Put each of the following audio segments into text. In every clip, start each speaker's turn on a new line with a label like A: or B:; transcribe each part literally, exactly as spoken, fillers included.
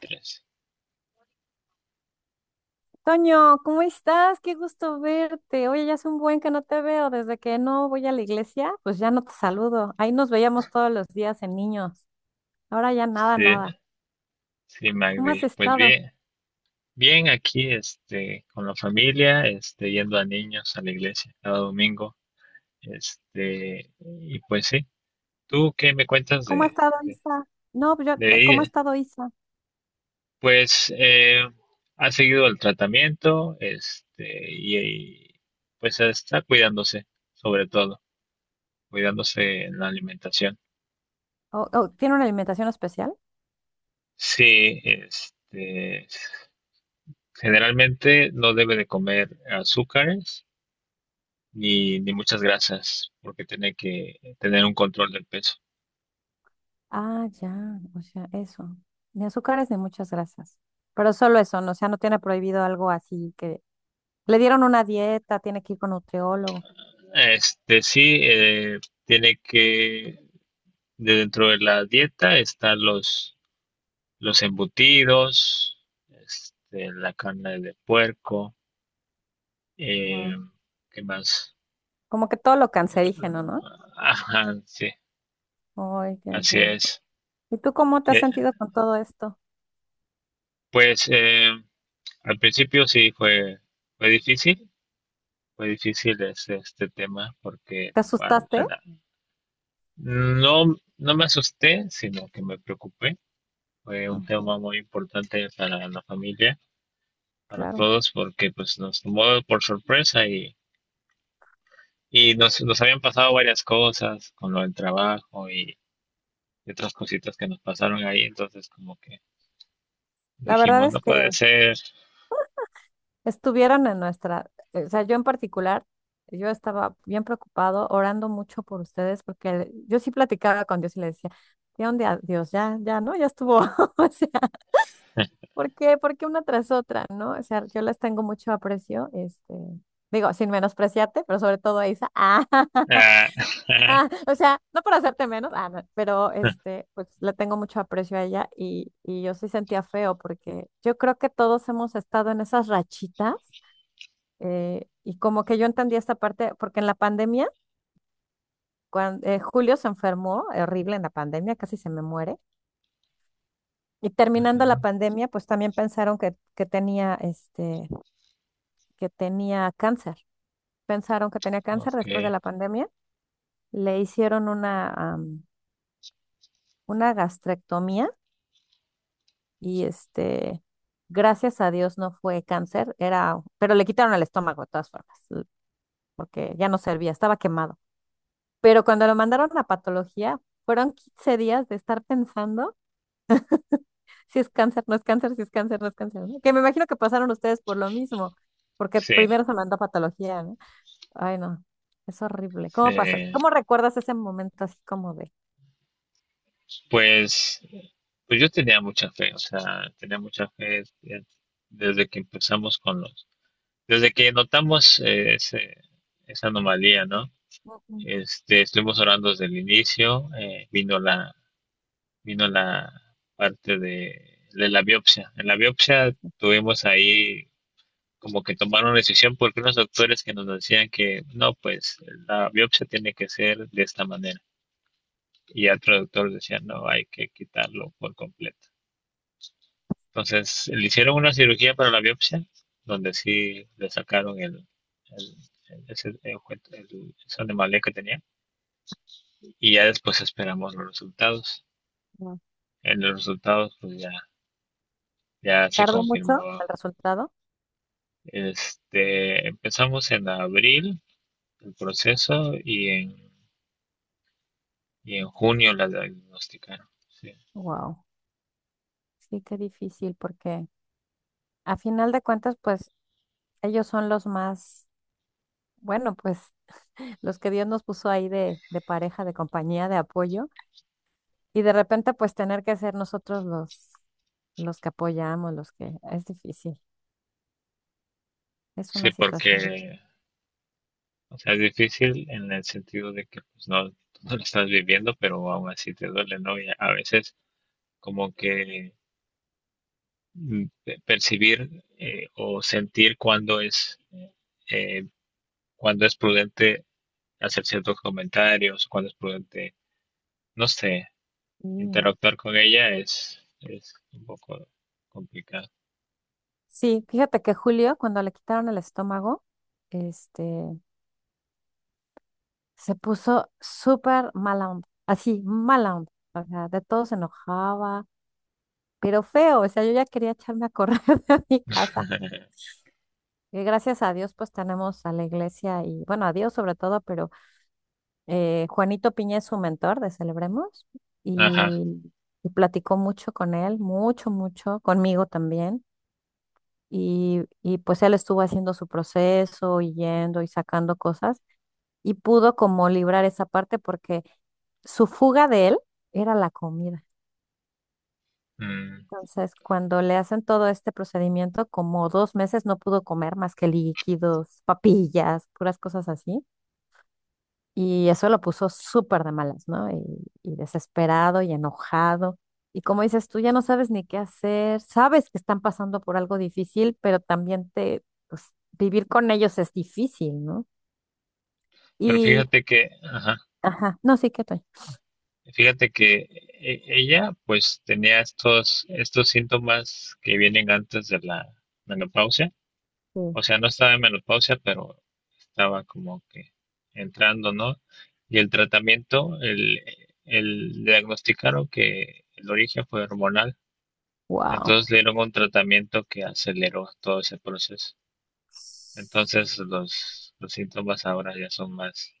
A: Tres.
B: Toño, ¿cómo estás? Qué gusto verte. Oye, ya hace un buen que no te veo. Desde que no voy a la iglesia, pues ya no te saludo. Ahí nos veíamos todos los días en niños. Ahora ya nada,
A: Sí,
B: nada.
A: sí,
B: ¿Cómo has
A: Magdi. Pues
B: estado?
A: bien, bien aquí, este, con la familia, este, yendo a niños a la iglesia cada domingo, este, y pues sí. ¿Tú qué me cuentas
B: ¿Cómo ha
A: de,
B: estado
A: de,
B: Isa? No, pues yo,
A: de
B: eh, ¿cómo ha
A: ahí?
B: estado Isa?
A: Pues eh, ha seguido el tratamiento, este, y, y, pues está cuidándose, sobre todo, cuidándose en la alimentación.
B: ¿O, o tiene una alimentación especial?
A: Sí, este, generalmente no debe de comer azúcares ni, ni muchas grasas, porque tiene que tener un control del peso.
B: Ah, ya, o sea, eso. Ni azúcares ni muchas grasas. Pero solo eso, ¿no? O sea, no tiene prohibido algo así que le dieron una dieta, tiene que ir con nutriólogo.
A: Este sí, eh, tiene que, de dentro de la dieta están los, los embutidos, este, la carne de puerco, eh,
B: Guau.
A: ¿qué más?
B: Como que todo lo cancerígeno, ¿no?
A: Ajá, sí,
B: Ay, qué
A: así
B: rollo.
A: es.
B: ¿Y tú cómo te
A: Y,
B: has
A: eh,
B: sentido con todo esto?
A: pues eh, al principio sí fue, fue difícil, fue difícil este, este tema porque
B: ¿Te
A: al-
B: asustaste?
A: al- No, no me asusté, sino que me preocupé. Fue un
B: Ok,
A: tema muy importante para la familia, para
B: claro.
A: todos, porque pues nos tomó por sorpresa y, y nos, nos habían pasado varias cosas con lo del trabajo y, y otras cositas que nos pasaron ahí. Entonces como que
B: La verdad
A: dijimos,
B: es
A: no
B: que
A: puede ser.
B: estuvieron en nuestra, eh, o sea, yo en particular, yo estaba bien preocupado, orando mucho por ustedes, porque el- yo sí platicaba con Dios y le decía, ¿de dónde a Dios? Ya, ya, ¿no? Ya estuvo. O sea, ¿por qué? ¿Por qué una tras otra, no? O sea, yo les tengo mucho aprecio, este, digo, sin menospreciarte, pero sobre todo a Isa.
A: Ah,
B: Ah, o sea, no por hacerte menos, ah, no, pero este, pues le tengo mucho aprecio a ella y, y yo sí sentía feo porque yo creo que todos hemos estado en esas rachitas eh, y como que yo entendí esta parte, porque en la pandemia, cuando, Julio se enfermó, horrible en la pandemia, casi se me muere. Y terminando
A: ujú,
B: la pandemia, pues también pensaron que, que tenía este, que tenía cáncer. Pensaron que tenía cáncer
A: ok,
B: después de la pandemia. Le hicieron una, am, una gastrectomía y este, gracias a Dios no fue cáncer, era, pero le quitaron el estómago de todas formas, l- porque ya no servía, estaba quemado. Pero cuando lo mandaron a patología, fueron quince días de estar pensando si es cáncer, no es cáncer, si es cáncer, no es cáncer, ¿no? Que me imagino que pasaron ustedes por lo mismo, porque
A: sí,
B: primero se mandó a patología, ¿no? Ay, no, es horrible. ¿Cómo pasa?
A: sí.
B: ¿Cómo recuerdas ese momento así como de...
A: Pues, pues yo tenía mucha fe, o sea, tenía mucha fe eh, desde que empezamos con los. Desde que notamos eh, ese- esa anomalía, ¿no?
B: "Mm, mm,
A: Este, estuvimos orando desde el inicio, eh, vino la, vino la parte de, de la biopsia. En la biopsia tuvimos ahí como que tomar una decisión, porque unos doctores que nos decían que no, pues la biopsia tiene que ser de esta manera. Y otro doctor decía, no, hay que quitarlo por completo. Entonces, le hicieron una cirugía para la biopsia, donde sí le sacaron el, el, el- ese, el ojue- el- esa anomalía que tenía. Y ya después esperamos los resultados.
B: mm, no"?
A: En los resultados, pues ya, ya se
B: ¿Tardó mucho
A: confirmó.
B: el resultado?
A: Este, empezamos en abril el proceso y en, y en junio la diagnosticaron. Sí,
B: Wow, sí, qué difícil, porque a final de cuentas, pues ellos son los más, bueno, pues los que Dios nos puso ahí de, de pareja, de compañía, de apoyo, y de repente pues tener que ser nosotros los, los que apoyamos, los que es difícil, es
A: sí,
B: una situación difícil.
A: porque o sea, es difícil en el sentido de que pues, no, no lo estás viviendo, pero aún así te duele, ¿no? Y a veces como que mm, pe- percibir, eh, o sentir cuándo es, eh, cuándo es prudente hacer ciertos comentarios, cuándo es prudente, no sé,
B: Sí,
A: interactuar con ella es, es un poco complicado.
B: sí, fíjate que Julio, cuando le quitaron el estómago, este, se puso súper mala onda, así, mala onda, o sea, de todo se enojaba, pero feo, o sea, yo ya quería echarme a correr de mi casa. Que gracias a Dios pues tenemos a la iglesia y bueno, a Dios sobre todo, pero eh, Juanito Piña es su mentor de Celebremos
A: Ajá.
B: y, y platicó mucho con él, mucho, mucho, conmigo también. Y, y pues él estuvo haciendo su proceso y yendo y sacando cosas y pudo como librar esa parte porque su fuga de él era la comida.
A: Mm.
B: Entonces, cuando le hacen todo este procedimiento, como dos meses no pudo comer más que líquidos, papillas, puras cosas así. Y eso lo puso súper de malas, ¿no? Y, y desesperado y enojado. Y como dices, tú ya no sabes ni qué hacer, sabes que están pasando por algo difícil, pero también te, pues, vivir con ellos es difícil, ¿no?
A: Pero
B: Y,
A: fíjate que, ajá,
B: ajá, no, sí, que estoy.
A: fíjate que e- ella pues tenía estos, estos síntomas que vienen antes de la menopausia.
B: Sí.
A: O sea, no estaba en menopausia, pero estaba como que entrando, ¿no? Y el tratamiento, el, el diagnosticaron que el origen fue hormonal.
B: Wow.
A: Entonces le dieron un tratamiento que aceleró todo ese proceso. Entonces los, los síntomas ahora ya son más,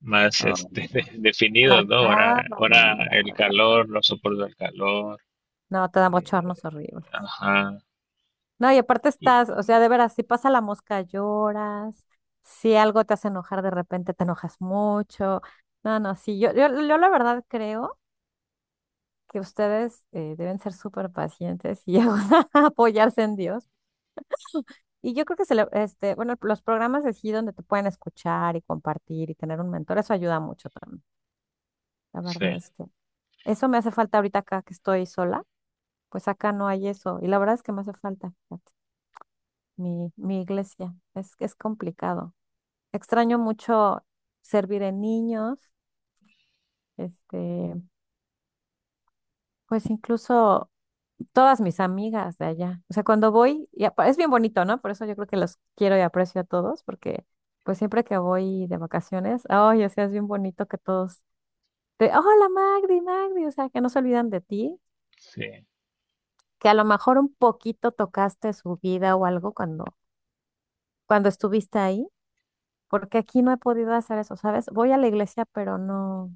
A: más este,
B: Ah,
A: de- definidos, ¿no? Ahora,
B: marcado.
A: ahora el calor, no soporto el calor.
B: No, te dan
A: eh,
B: bochornos horribles.
A: ajá.
B: No, y aparte estás, o
A: y-
B: sea, de veras, si pasa la mosca lloras, si algo te hace enojar de repente te enojas mucho. No, no, sí, yo, yo, yo la verdad creo que ustedes eh, deben ser súper pacientes y apoyarse en Dios. Y yo creo que se le- este, bueno, los programas así donde te pueden escuchar y compartir y tener un mentor, eso ayuda mucho también. La
A: sí,
B: verdad es que eso me hace falta ahorita acá que estoy sola, pues acá no hay eso. Y la verdad es que me hace falta, fíjate, mi, mi iglesia. Es que es complicado. Extraño mucho servir en niños, este, pues incluso todas mis amigas de allá. O sea, cuando voy, y apa- es bien bonito, ¿no? Por eso yo creo que los quiero y aprecio a todos, porque pues siempre que voy de vacaciones, ay, o sea, es bien bonito que todos te, hola Magdi, Magdi, o sea, que no se olvidan de ti, que a lo mejor un poquito tocaste su vida o algo cuando, cuando estuviste ahí, porque aquí no he podido hacer eso, ¿sabes? Voy a la iglesia, pero no.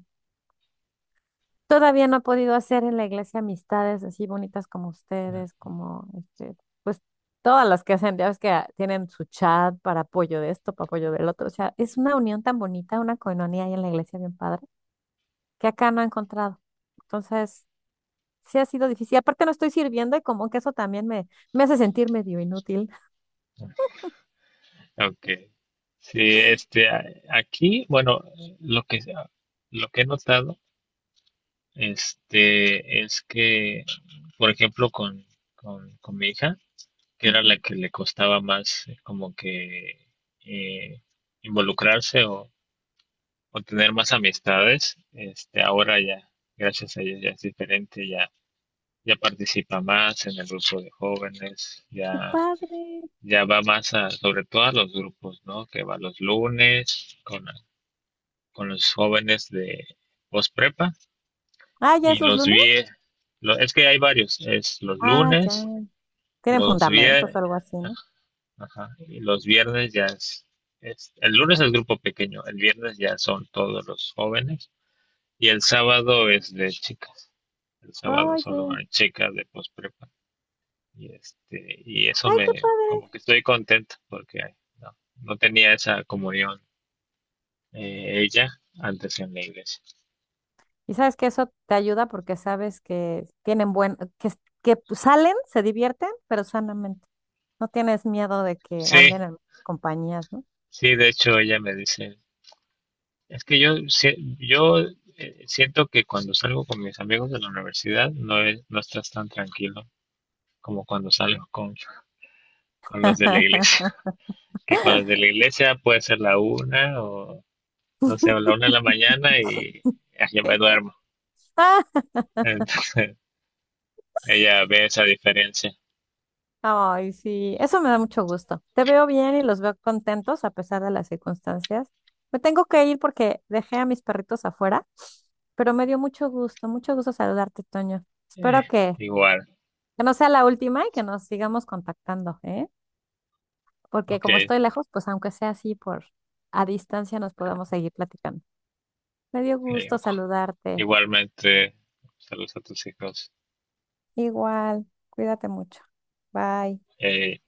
B: Todavía no he podido hacer en la iglesia amistades así bonitas como
A: sí.
B: ustedes, como este, pues todas las que hacen, ya ves que ah, tienen su chat para apoyo de esto, para apoyo del otro. O sea, es una unión tan bonita, una coinonía ahí en la iglesia bien padre, que acá no he encontrado. Entonces, sí ha sido difícil. Aparte no estoy sirviendo y como que eso también me, me hace sentir medio inútil.
A: Okay. Sí, este, a- aquí, bueno, lo que, lo que he notado, este, es que, por ejemplo, con, con, con mi hija, que era
B: Ujú.
A: la que le costaba más, eh, como que eh, involucrarse o, o tener más amistades, este, ahora ya, gracias a ella ya es diferente, ya, ya participa más en el grupo de jóvenes,
B: Qué
A: ya,
B: padre.
A: ya va más a, sobre todo a los grupos, ¿no? Que va los lunes, con con los jóvenes de posprepa.
B: Ah, ¿ya es
A: y
B: los
A: los
B: lunes?
A: vi, lo- es que hay varios, es los
B: Ah, ya.
A: lunes,
B: Tienen
A: los
B: fundamentos
A: viernes,
B: o algo así, ¿no?
A: y los viernes ya. Es, es- el lunes es grupo pequeño, el viernes ya son todos los jóvenes y el sábado es de chicas. El sábado solo
B: Oye,
A: hay chicas de posprepa y este, y eso
B: ay, qué
A: me, como que
B: padre.
A: estoy contento porque no, no tenía esa comunión, eh, ella antes, en la iglesia.
B: Y sabes que eso te ayuda porque sabes que tienen buen, que, s- que pues, salen, se divierten, pero sanamente. No tienes miedo de que
A: Sí,
B: anden en compañías, ¿no?
A: sí, de hecho ella me dice, es que yo, si- yo eh, siento que cuando salgo con mis amigos de la universidad no, es- no estás tan tranquilo como cuando salgo con, con los de la iglesia. Que con los de la iglesia puede ser la una o, no sé, o la una de la mañana y ah, ya me duermo.
B: Ah,
A: Entonces ella ve esa diferencia.
B: ay, sí, eso me da mucho gusto. Te veo bien y los veo contentos a pesar de las circunstancias. Me tengo que ir porque dejé a mis perritos afuera, pero me dio mucho gusto, mucho gusto saludarte, Toño.
A: Eh,
B: Espero que,
A: Igual,
B: que no sea la última y que nos sigamos contactando, ¿eh? Porque
A: ok,
B: como estoy lejos, pues aunque sea así por a distancia nos podamos seguir platicando. Me dio
A: eh,
B: gusto
A: ocu-
B: saludarte.
A: igualmente, saludos a tus hijos.
B: Igual, cuídate mucho. Bye.
A: Eh,